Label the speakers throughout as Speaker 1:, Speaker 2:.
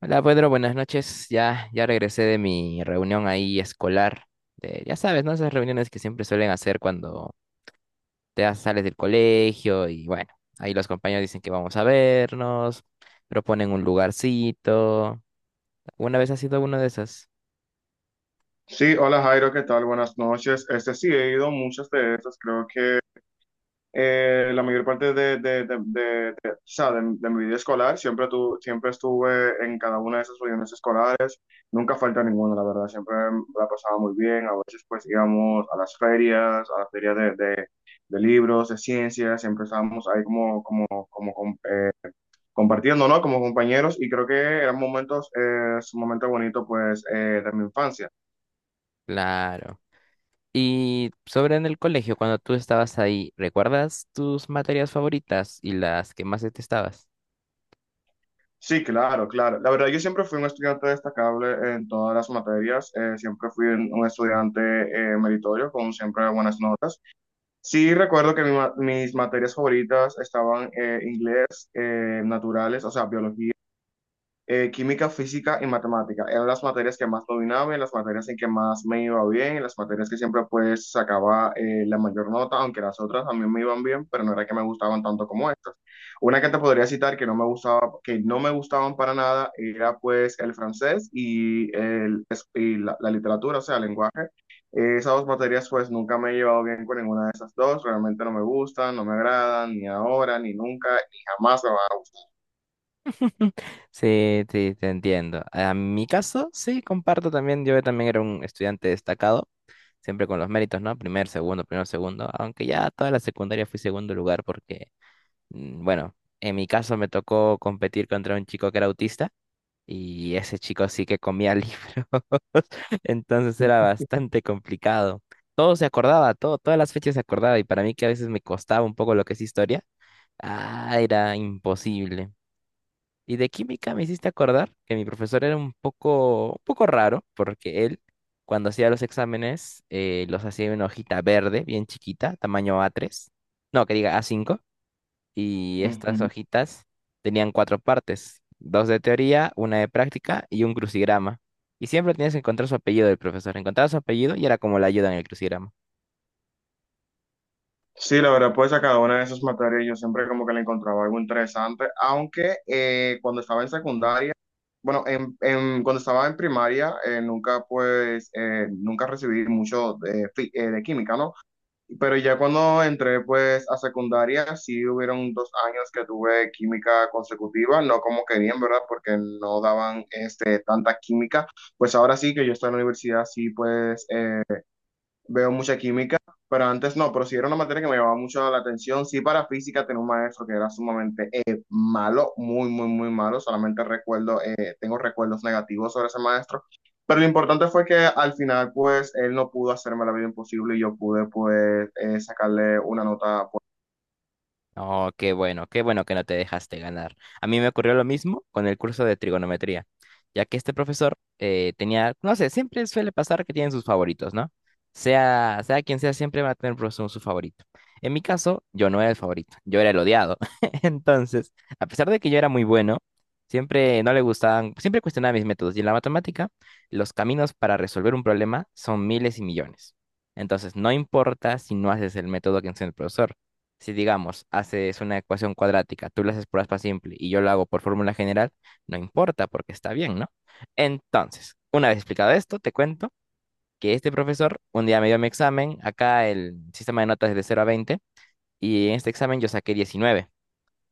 Speaker 1: Hola Pedro, buenas noches. Ya, ya regresé de mi reunión ahí escolar. Ya sabes, ¿no? Esas reuniones que siempre suelen hacer cuando sales del colegio y bueno, ahí los compañeros dicen que vamos a vernos, proponen un lugarcito. ¿Una vez has sido uno de esas?
Speaker 2: Sí, hola Jairo, ¿qué tal? Buenas noches. Este sí, he ido a muchas de estas, creo que la mayor parte de- o sea, de mi vida escolar, siempre, tu, siempre estuve en cada una de esas reuniones escolares, nunca falta ninguna, la verdad, siempre la pasaba muy bien. A veces pues íbamos a las ferias de libros, de ciencias. Siempre estábamos ahí como, como, como compartiendo, ¿no? Como compañeros, y creo que eran momentos, momentos bonitos pues de mi infancia.
Speaker 1: Claro. Y sobre en el colegio, cuando tú estabas ahí, ¿recuerdas tus materias favoritas y las que más detestabas?
Speaker 2: Sí, claro, claro. La verdad, yo siempre fui un estudiante destacable en todas las materias. Siempre fui un estudiante meritorio, con siempre buenas notas. Sí, recuerdo que mis materias favoritas estaban inglés, naturales, o sea, biología, química, física y matemática. Eran las materias que más dominaba, y las materias en que más me iba bien, y las materias que siempre pues sacaba la mayor nota, aunque las otras también me iban bien, pero no era que me gustaban tanto como estas. Una que te podría citar que no me gustaba, que no me gustaban para nada era pues el francés, y el, y la literatura, o sea, el lenguaje. Esas dos materias pues nunca me he llevado bien con ninguna de esas dos. Realmente no me gustan, no me agradan, ni ahora, ni nunca, ni jamás me van a
Speaker 1: Sí, sí, te entiendo. A mi caso, sí, comparto también. Yo también era un estudiante destacado. Siempre con los méritos, ¿no? Primer, segundo, primero, segundo. Aunque ya toda la secundaria fui segundo lugar porque, bueno, en mi caso me tocó competir contra un chico que era autista y ese chico sí que comía libros. Entonces era bastante complicado. Todo se acordaba, todo, todas las fechas se acordaba y para mí que a veces me costaba un poco lo que es historia, ah, era imposible. Y de química me hiciste acordar que mi profesor era un poco raro, porque él, cuando hacía los exámenes, los hacía en una hojita verde, bien chiquita, tamaño A3, no, que diga A5, y estas
Speaker 2: gustar.
Speaker 1: hojitas tenían cuatro partes, dos de teoría, una de práctica y un crucigrama. Y siempre tenías que encontrar su apellido del profesor. Encontraba su apellido y era como la ayuda en el crucigrama.
Speaker 2: Sí, la verdad, pues a cada una de esas materias yo siempre como que le encontraba algo interesante, aunque cuando estaba en secundaria, bueno, cuando estaba en primaria, nunca pues, nunca recibí mucho de, de química, ¿no? Pero ya cuando entré pues a secundaria, sí hubieron dos años que tuve química consecutiva, no como querían, ¿verdad? Porque no daban este, tanta química. Pues ahora sí que yo estoy en la universidad, sí pues veo mucha química, pero antes no, pero sí era una materia que me llamaba mucho la atención. Sí, para física tenía un maestro que era sumamente malo, muy, muy, muy malo. Solamente recuerdo, tengo recuerdos negativos sobre ese maestro. Pero lo importante fue que al final, pues, él no pudo hacerme la vida imposible, y yo pude, pues, sacarle una nota pues.
Speaker 1: Oh, qué bueno que no te dejaste ganar. A mí me ocurrió lo mismo con el curso de trigonometría, ya que este profesor tenía, no sé, siempre suele pasar que tienen sus favoritos, ¿no? Sea, sea quien sea, siempre va a tener un profesor su favorito. En mi caso, yo no era el favorito, yo era el odiado. Entonces, a pesar de que yo era muy bueno, siempre no le gustaban, siempre cuestionaba mis métodos. Y en la matemática, los caminos para resolver un problema son miles y millones. Entonces, no importa si no haces el método que enseña el profesor. Si digamos, haces una ecuación cuadrática, tú la haces por aspa simple y yo lo hago por fórmula general, no importa porque está bien, ¿no? Entonces, una vez explicado esto, te cuento que este profesor un día me dio mi examen, acá el sistema de notas es de 0 a 20 y en este examen yo saqué 19.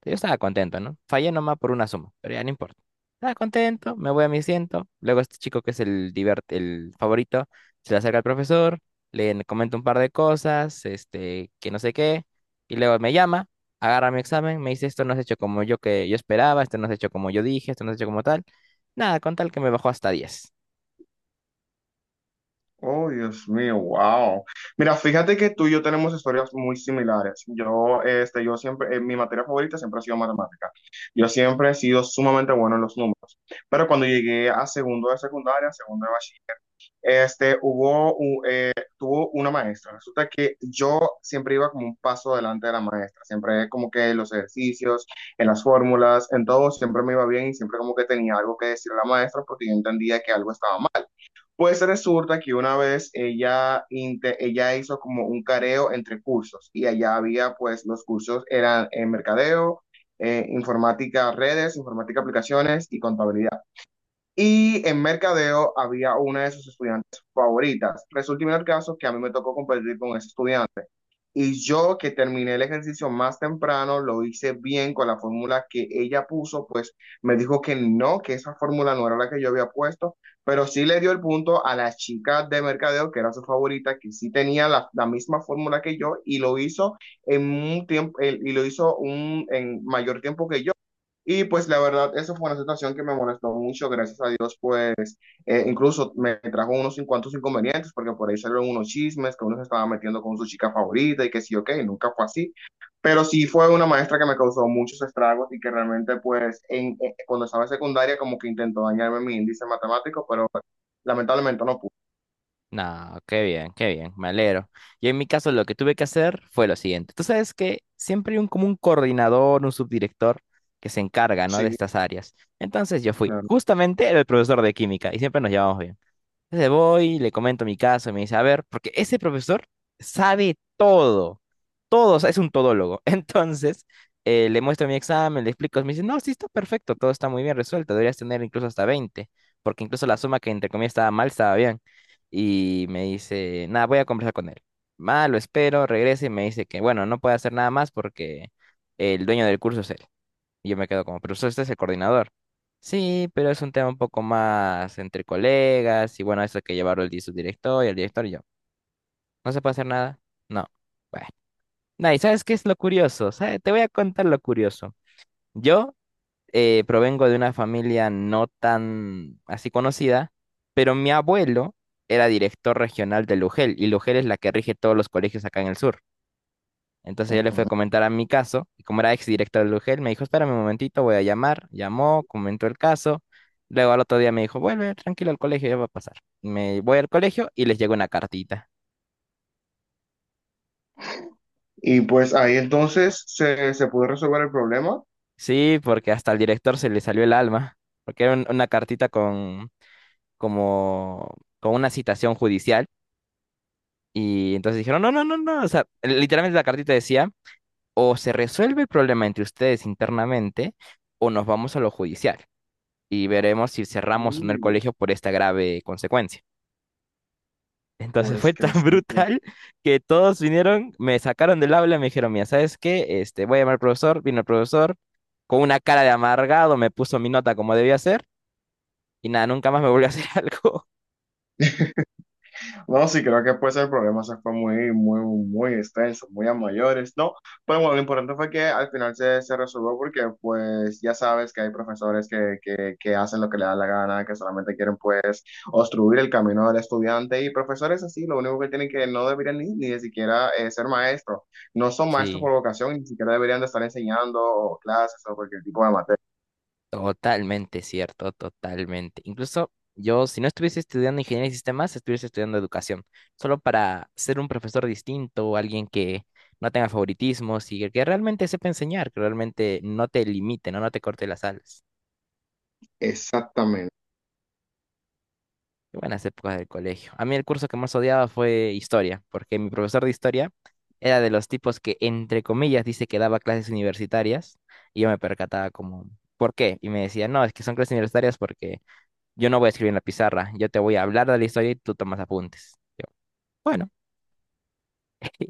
Speaker 1: Yo estaba contento, ¿no? Fallé nomás por una suma, pero ya no importa. Estaba contento, me voy a mi asiento. Luego este chico que es el, el favorito, se le acerca al profesor, le comenta un par de cosas, que no sé qué, y luego me llama, agarra mi examen, me dice, esto no es hecho como yo que yo esperaba, esto no es hecho como yo dije, esto no es hecho como tal. Nada, con tal que me bajó hasta 10.
Speaker 2: Oh, Dios mío, wow. Mira, fíjate que tú y yo tenemos historias muy similares. Yo, este, yo siempre, mi materia favorita siempre ha sido matemática. Yo siempre he sido sumamente bueno en los números. Pero cuando llegué a segundo de secundaria, segundo de bachiller, este, tuvo una maestra. Resulta que yo siempre iba como un paso adelante de la maestra. Siempre como que en los ejercicios, en las fórmulas, en todo, siempre me iba bien, y siempre como que tenía algo que decir a la maestra porque yo entendía que algo estaba mal. Pues resulta que una vez ella hizo como un careo entre cursos, y allá había pues los cursos eran en mercadeo, informática redes, informática aplicaciones y contabilidad. Y en mercadeo había una de sus estudiantes favoritas. Resulta en el caso que a mí me tocó competir con ese estudiante. Y yo que terminé el ejercicio más temprano, lo hice bien con la fórmula que ella puso, pues me dijo que no, que esa fórmula no era la que yo había puesto, pero sí le dio el punto a la chica de mercadeo, que era su favorita, que sí tenía la, la misma fórmula que yo, y lo hizo en un tiempo, y lo hizo un, en mayor tiempo que yo. Y pues la verdad, eso fue una situación que me molestó mucho. Gracias a Dios, pues incluso me trajo unos cuantos inconvenientes, porque por ahí salieron unos chismes que uno se estaba metiendo con su chica favorita, y que sí, ok, nunca fue así. Pero sí fue una maestra que me causó muchos estragos y que realmente pues en, cuando estaba en secundaria como que intentó dañarme mi índice matemático, pero lamentablemente no pudo.
Speaker 1: No, qué bien, me alegro. Y en mi caso lo que tuve que hacer fue lo siguiente. Tú sabes que siempre hay un, como un coordinador, un subdirector que se encarga, ¿no?, de
Speaker 2: Sí,
Speaker 1: estas áreas. Entonces yo fui.
Speaker 2: claro.
Speaker 1: Justamente era el profesor de química y siempre nos llevamos bien. Entonces voy, le comento mi caso, y me dice, a ver, porque ese profesor sabe todo, todo, o sea, es un todólogo. Entonces, le muestro mi examen, le explico, me dice, no, sí está perfecto, todo está muy bien resuelto, deberías tener incluso hasta 20 porque incluso la suma que entre comillas estaba mal, estaba bien. Y me dice, nada, voy a conversar con él. Ah, lo espero, regrese y me dice que, bueno, no puede hacer nada más porque el dueño del curso es él. Y yo me quedo como, pero usted este es el coordinador. Sí, pero es un tema un poco más entre colegas y bueno, eso que llevarlo su director y el director y yo. ¿No se puede hacer nada? No. Bueno. Nah, ¿y sabes qué es lo curioso? ¿Sabe? Te voy a contar lo curioso. Yo provengo de una familia no tan así conocida, pero mi abuelo era director regional de Lugel y Lugel es la que rige todos los colegios acá en el sur. Entonces yo le fui a
Speaker 2: Ajá.
Speaker 1: comentar a mi caso, y como era ex director del UGEL, me dijo, espérame un momentito, voy a llamar. Llamó, comentó el caso. Luego al otro día me dijo, vuelve tranquilo al colegio, ya va a pasar. Me voy al colegio y les llegó una cartita.
Speaker 2: Y pues ahí entonces se pudo resolver el problema.
Speaker 1: Sí, porque hasta al director se le salió el alma, porque era una cartita con, como, con una citación judicial. Y entonces dijeron, no, no, no, no, o sea, literalmente la cartita decía, o se resuelve el problema entre ustedes internamente, o nos vamos a lo judicial y veremos si cerramos o no el
Speaker 2: Uy,
Speaker 1: colegio por esta grave consecuencia. Entonces
Speaker 2: pues
Speaker 1: fue
Speaker 2: que
Speaker 1: tan
Speaker 2: sí.
Speaker 1: brutal que todos vinieron, me sacaron del aula y me dijeron, mira, ¿sabes qué? Voy a llamar al profesor, vino el profesor, con una cara de amargado me puso mi nota como debía ser y nada, nunca más me volvió a hacer algo.
Speaker 2: No, sí, creo que pues el problema se fue muy, muy, muy extenso, muy a mayores, ¿no? Pero bueno, lo importante fue que al final se resolvió, porque pues ya sabes que hay profesores que hacen lo que le da la gana, que solamente quieren pues obstruir el camino del estudiante, y profesores así, lo único que tienen que no deberían ni, ni de siquiera ser maestros. No son maestros
Speaker 1: Sí.
Speaker 2: por vocación, ni siquiera deberían de estar enseñando o clases o cualquier tipo de materia.
Speaker 1: Totalmente cierto, totalmente. Incluso yo, si no estuviese estudiando ingeniería de sistemas, estuviese estudiando educación, solo para ser un profesor distinto, alguien que no tenga favoritismos y que realmente sepa enseñar, que realmente no te limite, no, no te corte las alas.
Speaker 2: Exactamente.
Speaker 1: Qué buenas épocas del colegio. A mí el curso que más odiaba fue historia, porque mi profesor de historia era de los tipos que, entre comillas, dice que daba clases universitarias y yo me percataba como, ¿por qué? Y me decía, no, es que son clases universitarias porque yo no voy a escribir en la pizarra, yo te voy a hablar de la historia y tú tomas apuntes. Yo, bueno.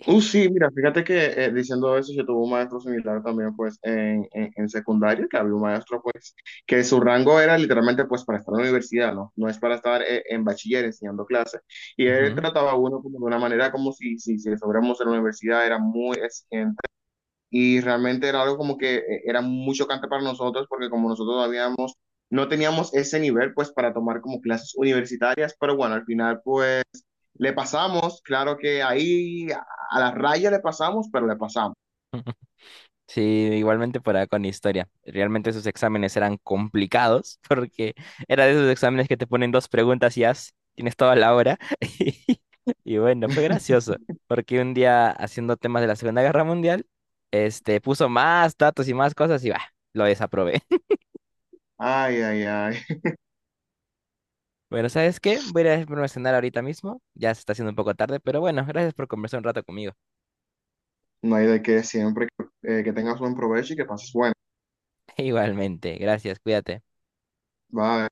Speaker 2: Sí, mira, fíjate que diciendo eso, yo tuve un maestro similar también, pues, en secundaria, que había un maestro, pues, que su rango era literalmente, pues, para estar en la universidad, ¿no? No es para estar en bachiller enseñando clases. Y él
Speaker 1: Ujú.
Speaker 2: trataba a uno como de una manera como si, si, si estuviéramos en la universidad, era muy exigente. Y realmente era algo como que era muy chocante para nosotros, porque como nosotros habíamos, no teníamos ese nivel, pues, para tomar como clases universitarias, pero bueno, al final, pues, le pasamos, claro que ahí a la raya le pasamos, pero le pasamos.
Speaker 1: Sí, igualmente para con historia. Realmente esos exámenes eran complicados porque era de esos exámenes que te ponen dos preguntas y ya tienes toda la hora. Y bueno, fue gracioso porque un día haciendo temas de la Segunda Guerra Mundial, este, puso más datos y más cosas y bah, lo desaprobé.
Speaker 2: Ay, ay, ay.
Speaker 1: Bueno, ¿sabes qué? Voy a ir a irme a cenar ahorita mismo. Ya se está haciendo un poco tarde, pero bueno, gracias por conversar un rato conmigo.
Speaker 2: No hay de qué, siempre. Que que tengas buen provecho y que pases bueno.
Speaker 1: Igualmente, gracias, cuídate.
Speaker 2: Bye.